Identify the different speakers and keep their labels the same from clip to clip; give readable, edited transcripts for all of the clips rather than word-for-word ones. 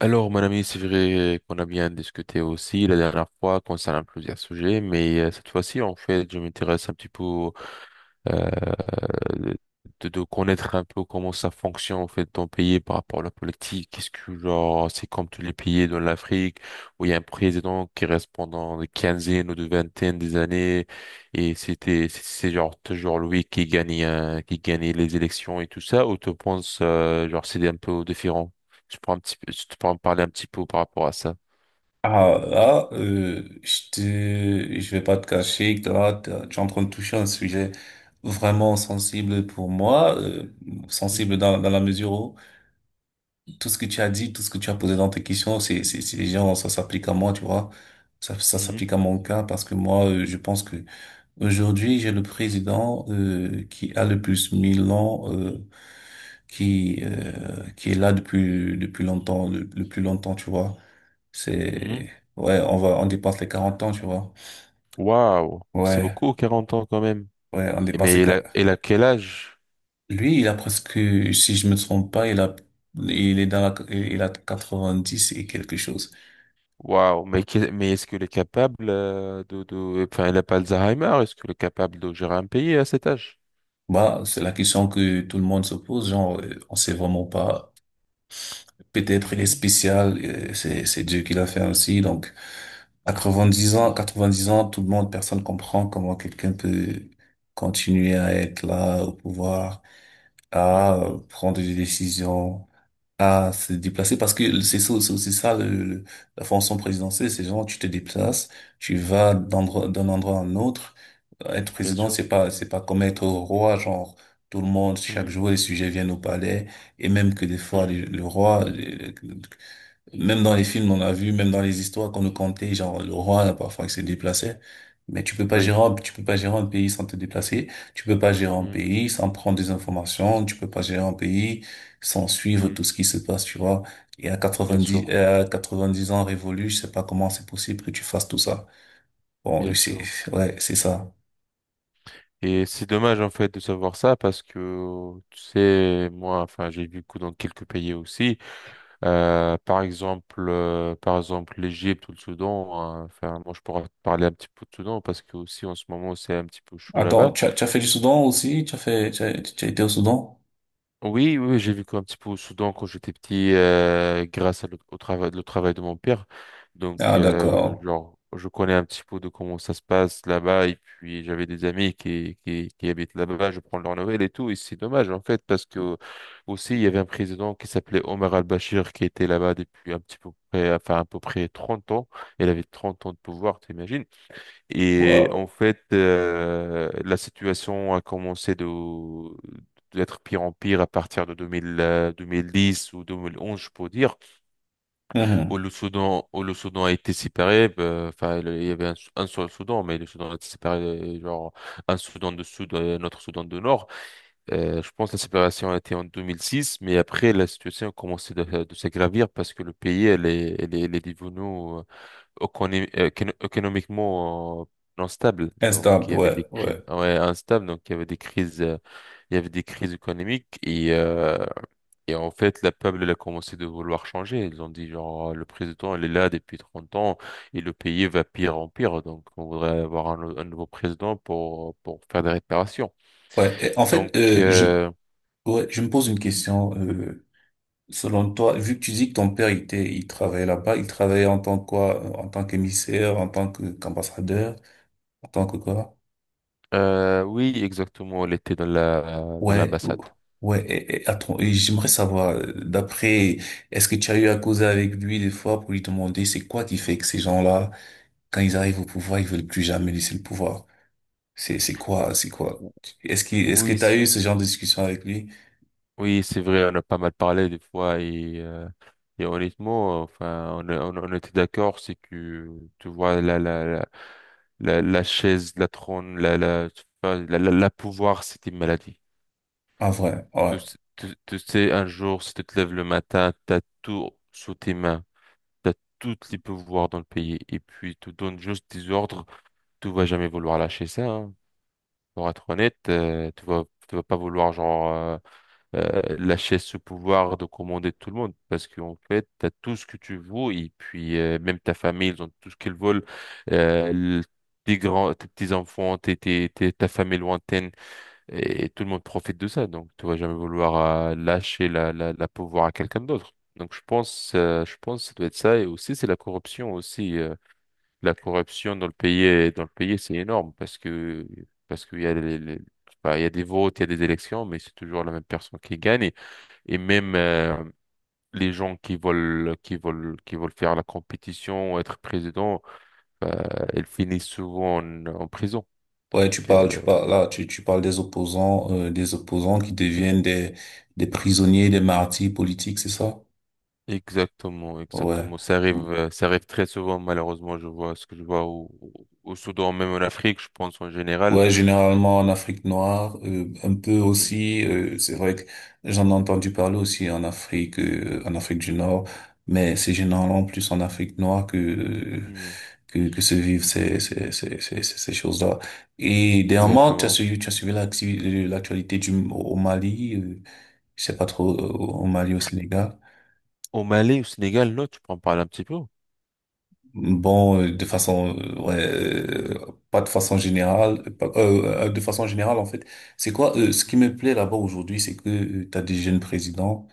Speaker 1: Alors, mon ami, c'est vrai qu'on a bien discuté aussi la dernière fois concernant plusieurs sujets, mais cette fois-ci, en fait, je m'intéresse un petit peu euh, euh, de connaître un peu comment ça fonctionne en fait ton pays par rapport à la politique. Est-ce que genre c'est comme tous les pays dans l'Afrique où il y a un président qui reste pendant des quinzaines ou de vingtaines des années et c'est genre toujours lui qui gagne qui gagnait les élections et tout ça ou tu penses genre c'est un peu différent? Tu pourrais un petit peu, tu pourrais me parler un petit peu par rapport à ça.
Speaker 2: Ah là, je vais pas te cacher que là, tu es en train de toucher un sujet vraiment sensible pour moi, sensible
Speaker 1: Mhm,
Speaker 2: dans la mesure où tout ce que tu as dit, tout ce que tu as posé dans tes questions, c'est les gens, ça s'applique à moi, tu vois. Ça
Speaker 1: mhm,
Speaker 2: s'applique à mon cas parce que moi, je pense que aujourd'hui, j'ai le président qui a le plus mille ans, qui euh, qui est là depuis longtemps, le plus longtemps, tu vois.
Speaker 1: mhm.
Speaker 2: C'est, ouais, on dépasse les 40 ans, tu vois.
Speaker 1: Waouh, c'est
Speaker 2: Ouais,
Speaker 1: beaucoup 40 ans quand même.
Speaker 2: ouais, on dépasse
Speaker 1: Mais
Speaker 2: les
Speaker 1: il a quel âge?
Speaker 2: Lui, il a presque, si je me trompe pas, il a, il est dans la, il a 90 et quelque chose.
Speaker 1: Waouh, mais, mais est-ce qu'il est capable Enfin, il n'a pas Alzheimer, est-ce qu'il est capable de gérer un pays à cet âge?
Speaker 2: Bah, c'est la question que tout le monde se pose, genre, on sait vraiment pas. Peut-être il est
Speaker 1: Mhm,
Speaker 2: spécial, c'est Dieu qui l'a fait ainsi, donc, à quatre-vingt-dix ans,
Speaker 1: mhm,
Speaker 2: quatre-vingt-dix ans, personne comprend comment quelqu'un peut continuer à être là, au pouvoir, à
Speaker 1: mhm.
Speaker 2: prendre des décisions, à se déplacer parce que c'est aussi ça la fonction présidentielle. C'est genre tu te déplaces, tu vas d'un endroit à un autre. Être
Speaker 1: Bien
Speaker 2: président,
Speaker 1: sûr.
Speaker 2: c'est pas comme être roi, genre tout le monde, chaque
Speaker 1: Mhm,
Speaker 2: jour, les sujets viennent au palais, et même que des fois
Speaker 1: mhm.
Speaker 2: le roi, même dans les films, on a vu, même dans les histoires qu'on nous contait, genre le roi, là, parfois, il se déplaçait. Mais
Speaker 1: Oui,
Speaker 2: tu peux pas gérer un pays sans te déplacer. Tu peux pas gérer un
Speaker 1: mhm,
Speaker 2: pays sans prendre des informations. Tu peux pas gérer un pays sans suivre
Speaker 1: mhm.
Speaker 2: tout ce qui se passe, tu vois. Et à
Speaker 1: Bien
Speaker 2: 90,
Speaker 1: sûr,
Speaker 2: euh, à 90 ans révolus, je sais pas comment c'est possible que tu fasses tout ça. Bon,
Speaker 1: bien
Speaker 2: oui,
Speaker 1: sûr.
Speaker 2: ouais, c'est ça.
Speaker 1: Et c'est dommage en fait de savoir ça parce que, tu sais, moi, enfin, j'ai vécu dans quelques pays aussi. Par exemple, l'Égypte ou le Soudan, hein. Enfin, moi, je pourrais te parler un petit peu de Soudan parce que aussi en ce moment, c'est un petit peu chaud
Speaker 2: Attends,
Speaker 1: là-bas.
Speaker 2: tu as fait du Soudan aussi? Tu as fait, tu as été au Soudan?
Speaker 1: Oui, oui, j'ai vécu un petit peu au Soudan quand j'étais petit, grâce à au travail, le travail de mon père. Donc,
Speaker 2: Ah, d'accord.
Speaker 1: genre, je connais un petit peu de comment ça se passe là-bas. Et puis, j'avais des amis qui habitent là-bas. Je prends leurs nouvelles et tout. Et c'est dommage, en fait, parce que aussi, il y avait un président qui s'appelait Omar al-Bashir qui était là-bas depuis un petit peu près, enfin, à peu près 30 ans. Il avait 30 ans de pouvoir, t'imagines? Et en
Speaker 2: Wow.
Speaker 1: fait, la situation a commencé de d'être pire en pire à partir de 2000, 2010 ou 2011, je peux dire, où
Speaker 2: Mhm.
Speaker 1: le Soudan a été séparé. Enfin, il y avait un seul Soudan, mais le Soudan a été séparé, genre un Soudan du Sud et un autre Soudan du Nord. Je pense que la séparation a été en 2006, mais après, la situation a commencé de s'agravir parce que le pays, elle est devenue économiquement non stable. Donc
Speaker 2: Instable,
Speaker 1: il y avait des
Speaker 2: ouais,
Speaker 1: crises,
Speaker 2: ouais.
Speaker 1: ouais, instable. Donc il y avait des crises, il y avait des crises économiques et en fait la peuple elle a commencé de vouloir changer. Ils ont dit le président il est là depuis 30 ans et le pays va pire en pire. Donc on voudrait avoir un nouveau président pour faire des réparations.
Speaker 2: Ouais.
Speaker 1: Donc euh,
Speaker 2: Ouais, je me pose une question. Euh, selon toi, vu que tu dis que ton père il était, il travaillait là-bas, il travaillait en tant que quoi? Euh, en tant qu'émissaire, en tant que qu'ambassadeur, en tant que quoi?
Speaker 1: oui exactement, elle était dans la dans
Speaker 2: Ouais,
Speaker 1: l'ambassade.
Speaker 2: ouais. Et attends, et j'aimerais savoir. Est-ce que tu as eu à causer avec lui des fois pour lui demander c'est quoi qui fait que ces gens-là, quand ils arrivent au pouvoir, ils veulent plus jamais laisser le pouvoir? C'est quoi? Est-ce que
Speaker 1: Oui,
Speaker 2: t'as eu ce genre de discussion avec lui?
Speaker 1: oui, c'est vrai, on a pas mal parlé des fois et honnêtement, enfin, on était d'accord, c'est que tu vois la chaise, la trône, la la tu vois, la pouvoir, c'était une maladie.
Speaker 2: En vrai, ouais.
Speaker 1: Tu sais, un jour, si tu te lèves le matin, t'as tout sous tes mains, t'as tous les pouvoirs dans le pays et puis tu donnes juste des ordres, tu vas jamais vouloir lâcher ça, hein. Pour être honnête, tu vas pas vouloir lâcher ce pouvoir de commander tout le monde parce qu'en fait, tu as tout ce que tu veux et puis même ta famille, ils ont tout ce qu'ils veulent. Euh, le- Tes grands, tes petits-enfants, ta famille lointaine et tout le monde profite de ça. Donc, tu vas jamais vouloir lâcher la pouvoir à quelqu'un d'autre. Donc, je pense que ça doit être ça. Et aussi, c'est la corruption aussi. La corruption dans le pays, c'est énorme parce que, parce qu'il y a je sais pas, il y a des votes, il y a des élections, mais c'est toujours la même personne qui gagne. Et même les gens qui veulent faire la compétition, être président, bah, ils finissent souvent en prison.
Speaker 2: Ouais,
Speaker 1: Donc,
Speaker 2: là, tu parles des opposants, qui
Speaker 1: e-
Speaker 2: deviennent des prisonniers, des martyrs politiques, c'est ça?
Speaker 1: exactement,
Speaker 2: Ouais.
Speaker 1: exactement. Ça arrive très souvent, malheureusement. Je vois ce que je vois au Soudan, même en Afrique, je pense en général.
Speaker 2: Ouais, généralement en Afrique noire, un peu
Speaker 1: Mm.
Speaker 2: aussi, c'est vrai que j'en ai entendu parler aussi en Afrique du Nord, mais c'est généralement plus en Afrique noire
Speaker 1: Mm.
Speaker 2: que se vivent ces choses-là. Et dernièrement,
Speaker 1: Exactement.
Speaker 2: tu as suivi l'actualité au Mali. Euh, je sais pas trop, au Mali, au Sénégal.
Speaker 1: Au Mali, au Sénégal, non, tu peux en parler un petit peu.
Speaker 2: Bon, ouais, de façon générale en fait. C'est quoi, ce qui me plaît là-bas aujourd'hui, c'est que tu t'as des jeunes présidents,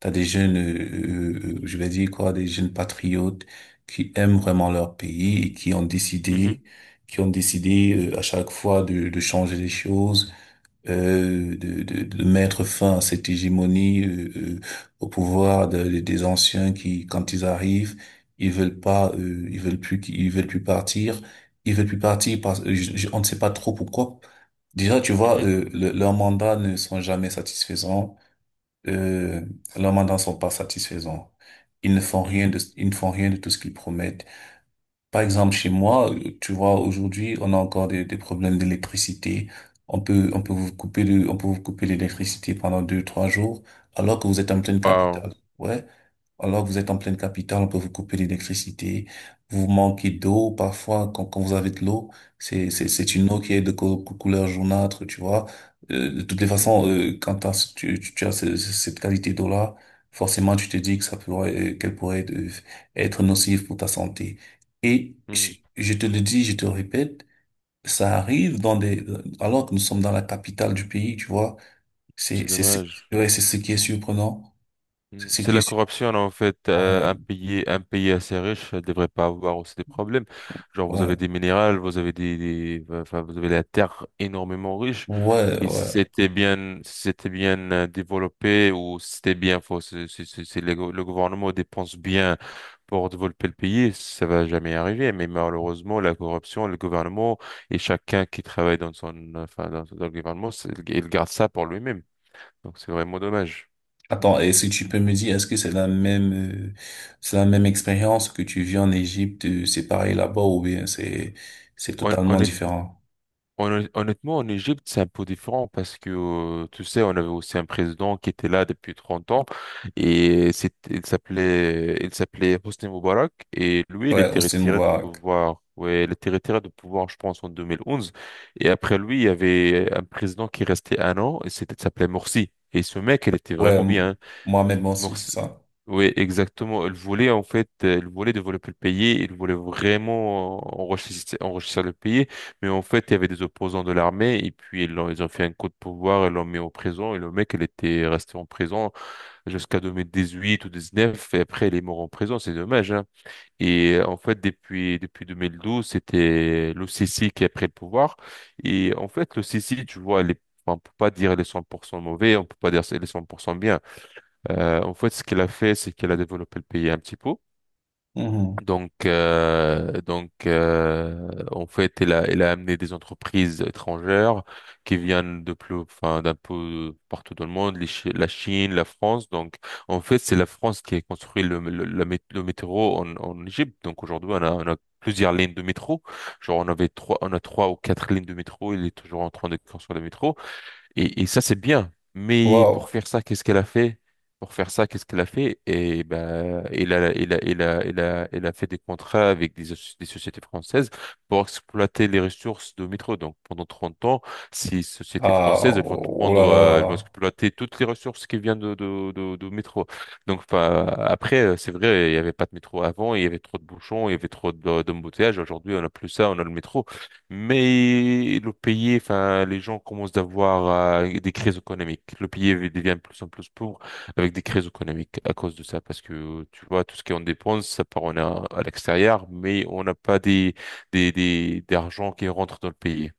Speaker 2: t'as des jeunes, je vais dire quoi, des jeunes patriotes qui aiment vraiment leur pays et
Speaker 1: Mhm,
Speaker 2: qui ont décidé à chaque fois de changer les choses, de mettre fin à cette hégémonie, au pouvoir des anciens qui, quand ils arrivent, ils veulent pas, ils veulent plus, ils veulent plus partir, ils veulent plus partir parce on ne sait pas trop pourquoi. Déjà, tu vois,
Speaker 1: mhm,
Speaker 2: leurs mandats ne sont jamais satisfaisants. Euh, leurs mandats ne sont pas satisfaisants.
Speaker 1: mhm.
Speaker 2: Ils ne font rien de tout ce qu'ils promettent. Par exemple, chez moi, tu vois, aujourd'hui, on a encore des problèmes d'électricité. On peut on peut vous couper l'électricité pendant deux, trois jours, alors que vous êtes en pleine
Speaker 1: Wow.
Speaker 2: capitale. Ouais. Alors que vous êtes en pleine capitale, on peut vous couper l'électricité, vous manquez d'eau, parfois quand, vous avez de l'eau, c'est une
Speaker 1: Mhm,
Speaker 2: eau qui est de couleur jaunâtre, tu vois. De toutes les
Speaker 1: mhm,
Speaker 2: façons, quand t'as ce- tu as cette qualité d'eau-là, forcément tu te dis que ça pourrait qu'elle pourrait être nocive pour ta santé. Et
Speaker 1: mhm.
Speaker 2: je te le dis, je te le répète, ça arrive dans des alors que nous sommes dans la capitale du pays, tu vois. C'est
Speaker 1: C'est
Speaker 2: c'est ce-
Speaker 1: dommage.
Speaker 2: ouais, c'est ce qui est surprenant, c'est
Speaker 1: Mm.
Speaker 2: ce
Speaker 1: C'est
Speaker 2: qui est
Speaker 1: la
Speaker 2: sur-
Speaker 1: corruption, en fait.
Speaker 2: ouais,
Speaker 1: Un pays assez riche ne devrait pas avoir aussi des problèmes. Genre, vous
Speaker 2: ouais.
Speaker 1: avez des minérales, vous avez enfin, vous avez la terre énormément riche.
Speaker 2: Ouais,
Speaker 1: Et si
Speaker 2: ouais.
Speaker 1: c'était bien, si c'était bien développé ou si c'était bien faux. C'est le gouvernement dépense bien pour développer le pays, ça va jamais arriver. Mais malheureusement, la corruption, le gouvernement et chacun qui travaille dans son, enfin, dans le gouvernement, il garde ça pour lui-même. Donc, c'est vraiment dommage.
Speaker 2: Attends, et si tu peux me dire, est-ce que euh, c'est la même expérience que tu vis en Égypte, c'est pareil là-bas ou bien c'est
Speaker 1: Hon-
Speaker 2: totalement différent?
Speaker 1: Honnêtement, en Égypte, c'est un peu différent parce que, tu sais, on avait aussi un président qui était là depuis 30 ans et il s'appelait Hosni Moubarak et lui, il
Speaker 2: Ouais,
Speaker 1: était
Speaker 2: Hosni
Speaker 1: retiré de
Speaker 2: Moubarak.
Speaker 1: pouvoir. Ouais, il était retiré de pouvoir, je pense, en 2011. Et après lui, il y avait un président qui restait un an et c'était, il s'appelait Morsi. Et ce mec, il était
Speaker 2: Ouais,
Speaker 1: vraiment bien.
Speaker 2: Mohamed Morsi, c'est ça.
Speaker 1: Oui, exactement. Elle voulait, en fait, elle voulait développer le pays, elle voulait vraiment enrichir, enrichir le pays, mais en fait, il y avait des opposants de l'armée, et puis ils ont fait un coup de pouvoir, ils l'ont mis en prison, et le mec, il était resté en prison jusqu'à 2018 ou 2019, et après, il est mort en prison, c'est dommage, hein. Et en fait, depuis 2012, c'était l'OCC qui a pris le pouvoir, et en fait, l'OCC, tu vois, elle est, enfin, on peut pas dire elle est 100% mauvais, on peut pas dire elle est 100% bien. En fait, ce qu'elle a fait, c'est qu'elle a développé le pays un petit peu.
Speaker 2: Mhm.
Speaker 1: En fait, elle a amené des entreprises étrangères qui viennent de plus, enfin, d'un peu partout dans le monde, la Chine, la France. Donc, en fait, c'est la France qui a construit le métro en Égypte. Donc, aujourd'hui, on a plusieurs lignes de métro. Genre, on a trois ou quatre lignes de métro. Il est toujours en train de construire le métro. Et ça, c'est bien. Mais pour
Speaker 2: Wow.
Speaker 1: faire ça, qu'est-ce qu'elle a fait? Pour faire ça, qu'est-ce qu'elle a fait? Et ben, elle a fait des contrats avec des sociétés françaises pour exploiter les ressources de métro. Donc, pendant 30 ans, ces sociétés
Speaker 2: Ah,
Speaker 1: françaises, elles vont te
Speaker 2: oh
Speaker 1: prendre,
Speaker 2: là
Speaker 1: elles vont
Speaker 2: là.
Speaker 1: exploiter toutes les ressources qui viennent de métro. Donc, enfin, après, c'est vrai, il n'y avait pas de métro avant, il y avait trop de bouchons, il y avait d'embouteillages. Aujourd'hui, on n'a plus ça, on a le métro. Mais le pays, enfin, les gens commencent d'avoir des crises économiques. Le pays devient de plus en plus pauvre avec des crises économiques à cause de ça, parce que tu vois, tout ce qu'on dépense, ça part on a à l'extérieur, mais on n'a pas des des d'argent qui rentre dans le pays.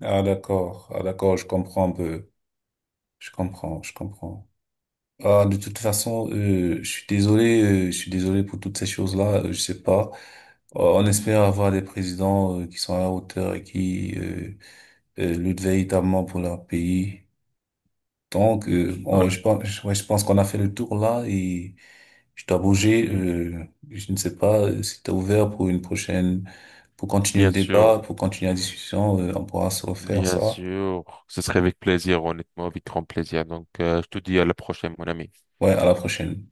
Speaker 2: Ah, d'accord. Ah, d'accord, je comprends un peu. Je comprends, je comprends. Ah, de toute façon, je suis désolé pour toutes ces choses-là. Je sais pas. On espère avoir des présidents qui sont à la hauteur et qui luttent véritablement pour leur pays. Donc, je
Speaker 1: On-
Speaker 2: pense, je pense qu'on a fait le tour là et je dois bouger.
Speaker 1: Mhm.
Speaker 2: Je ne sais pas si t'es ouvert pour une prochaine, pour continuer le
Speaker 1: Bien sûr,
Speaker 2: débat, pour continuer la discussion. On pourra se refaire
Speaker 1: bien
Speaker 2: ça.
Speaker 1: sûr, ce serait avec plaisir, honnêtement, avec grand plaisir. Donc, je te dis à la prochaine, mon ami.
Speaker 2: Ouais, à la prochaine.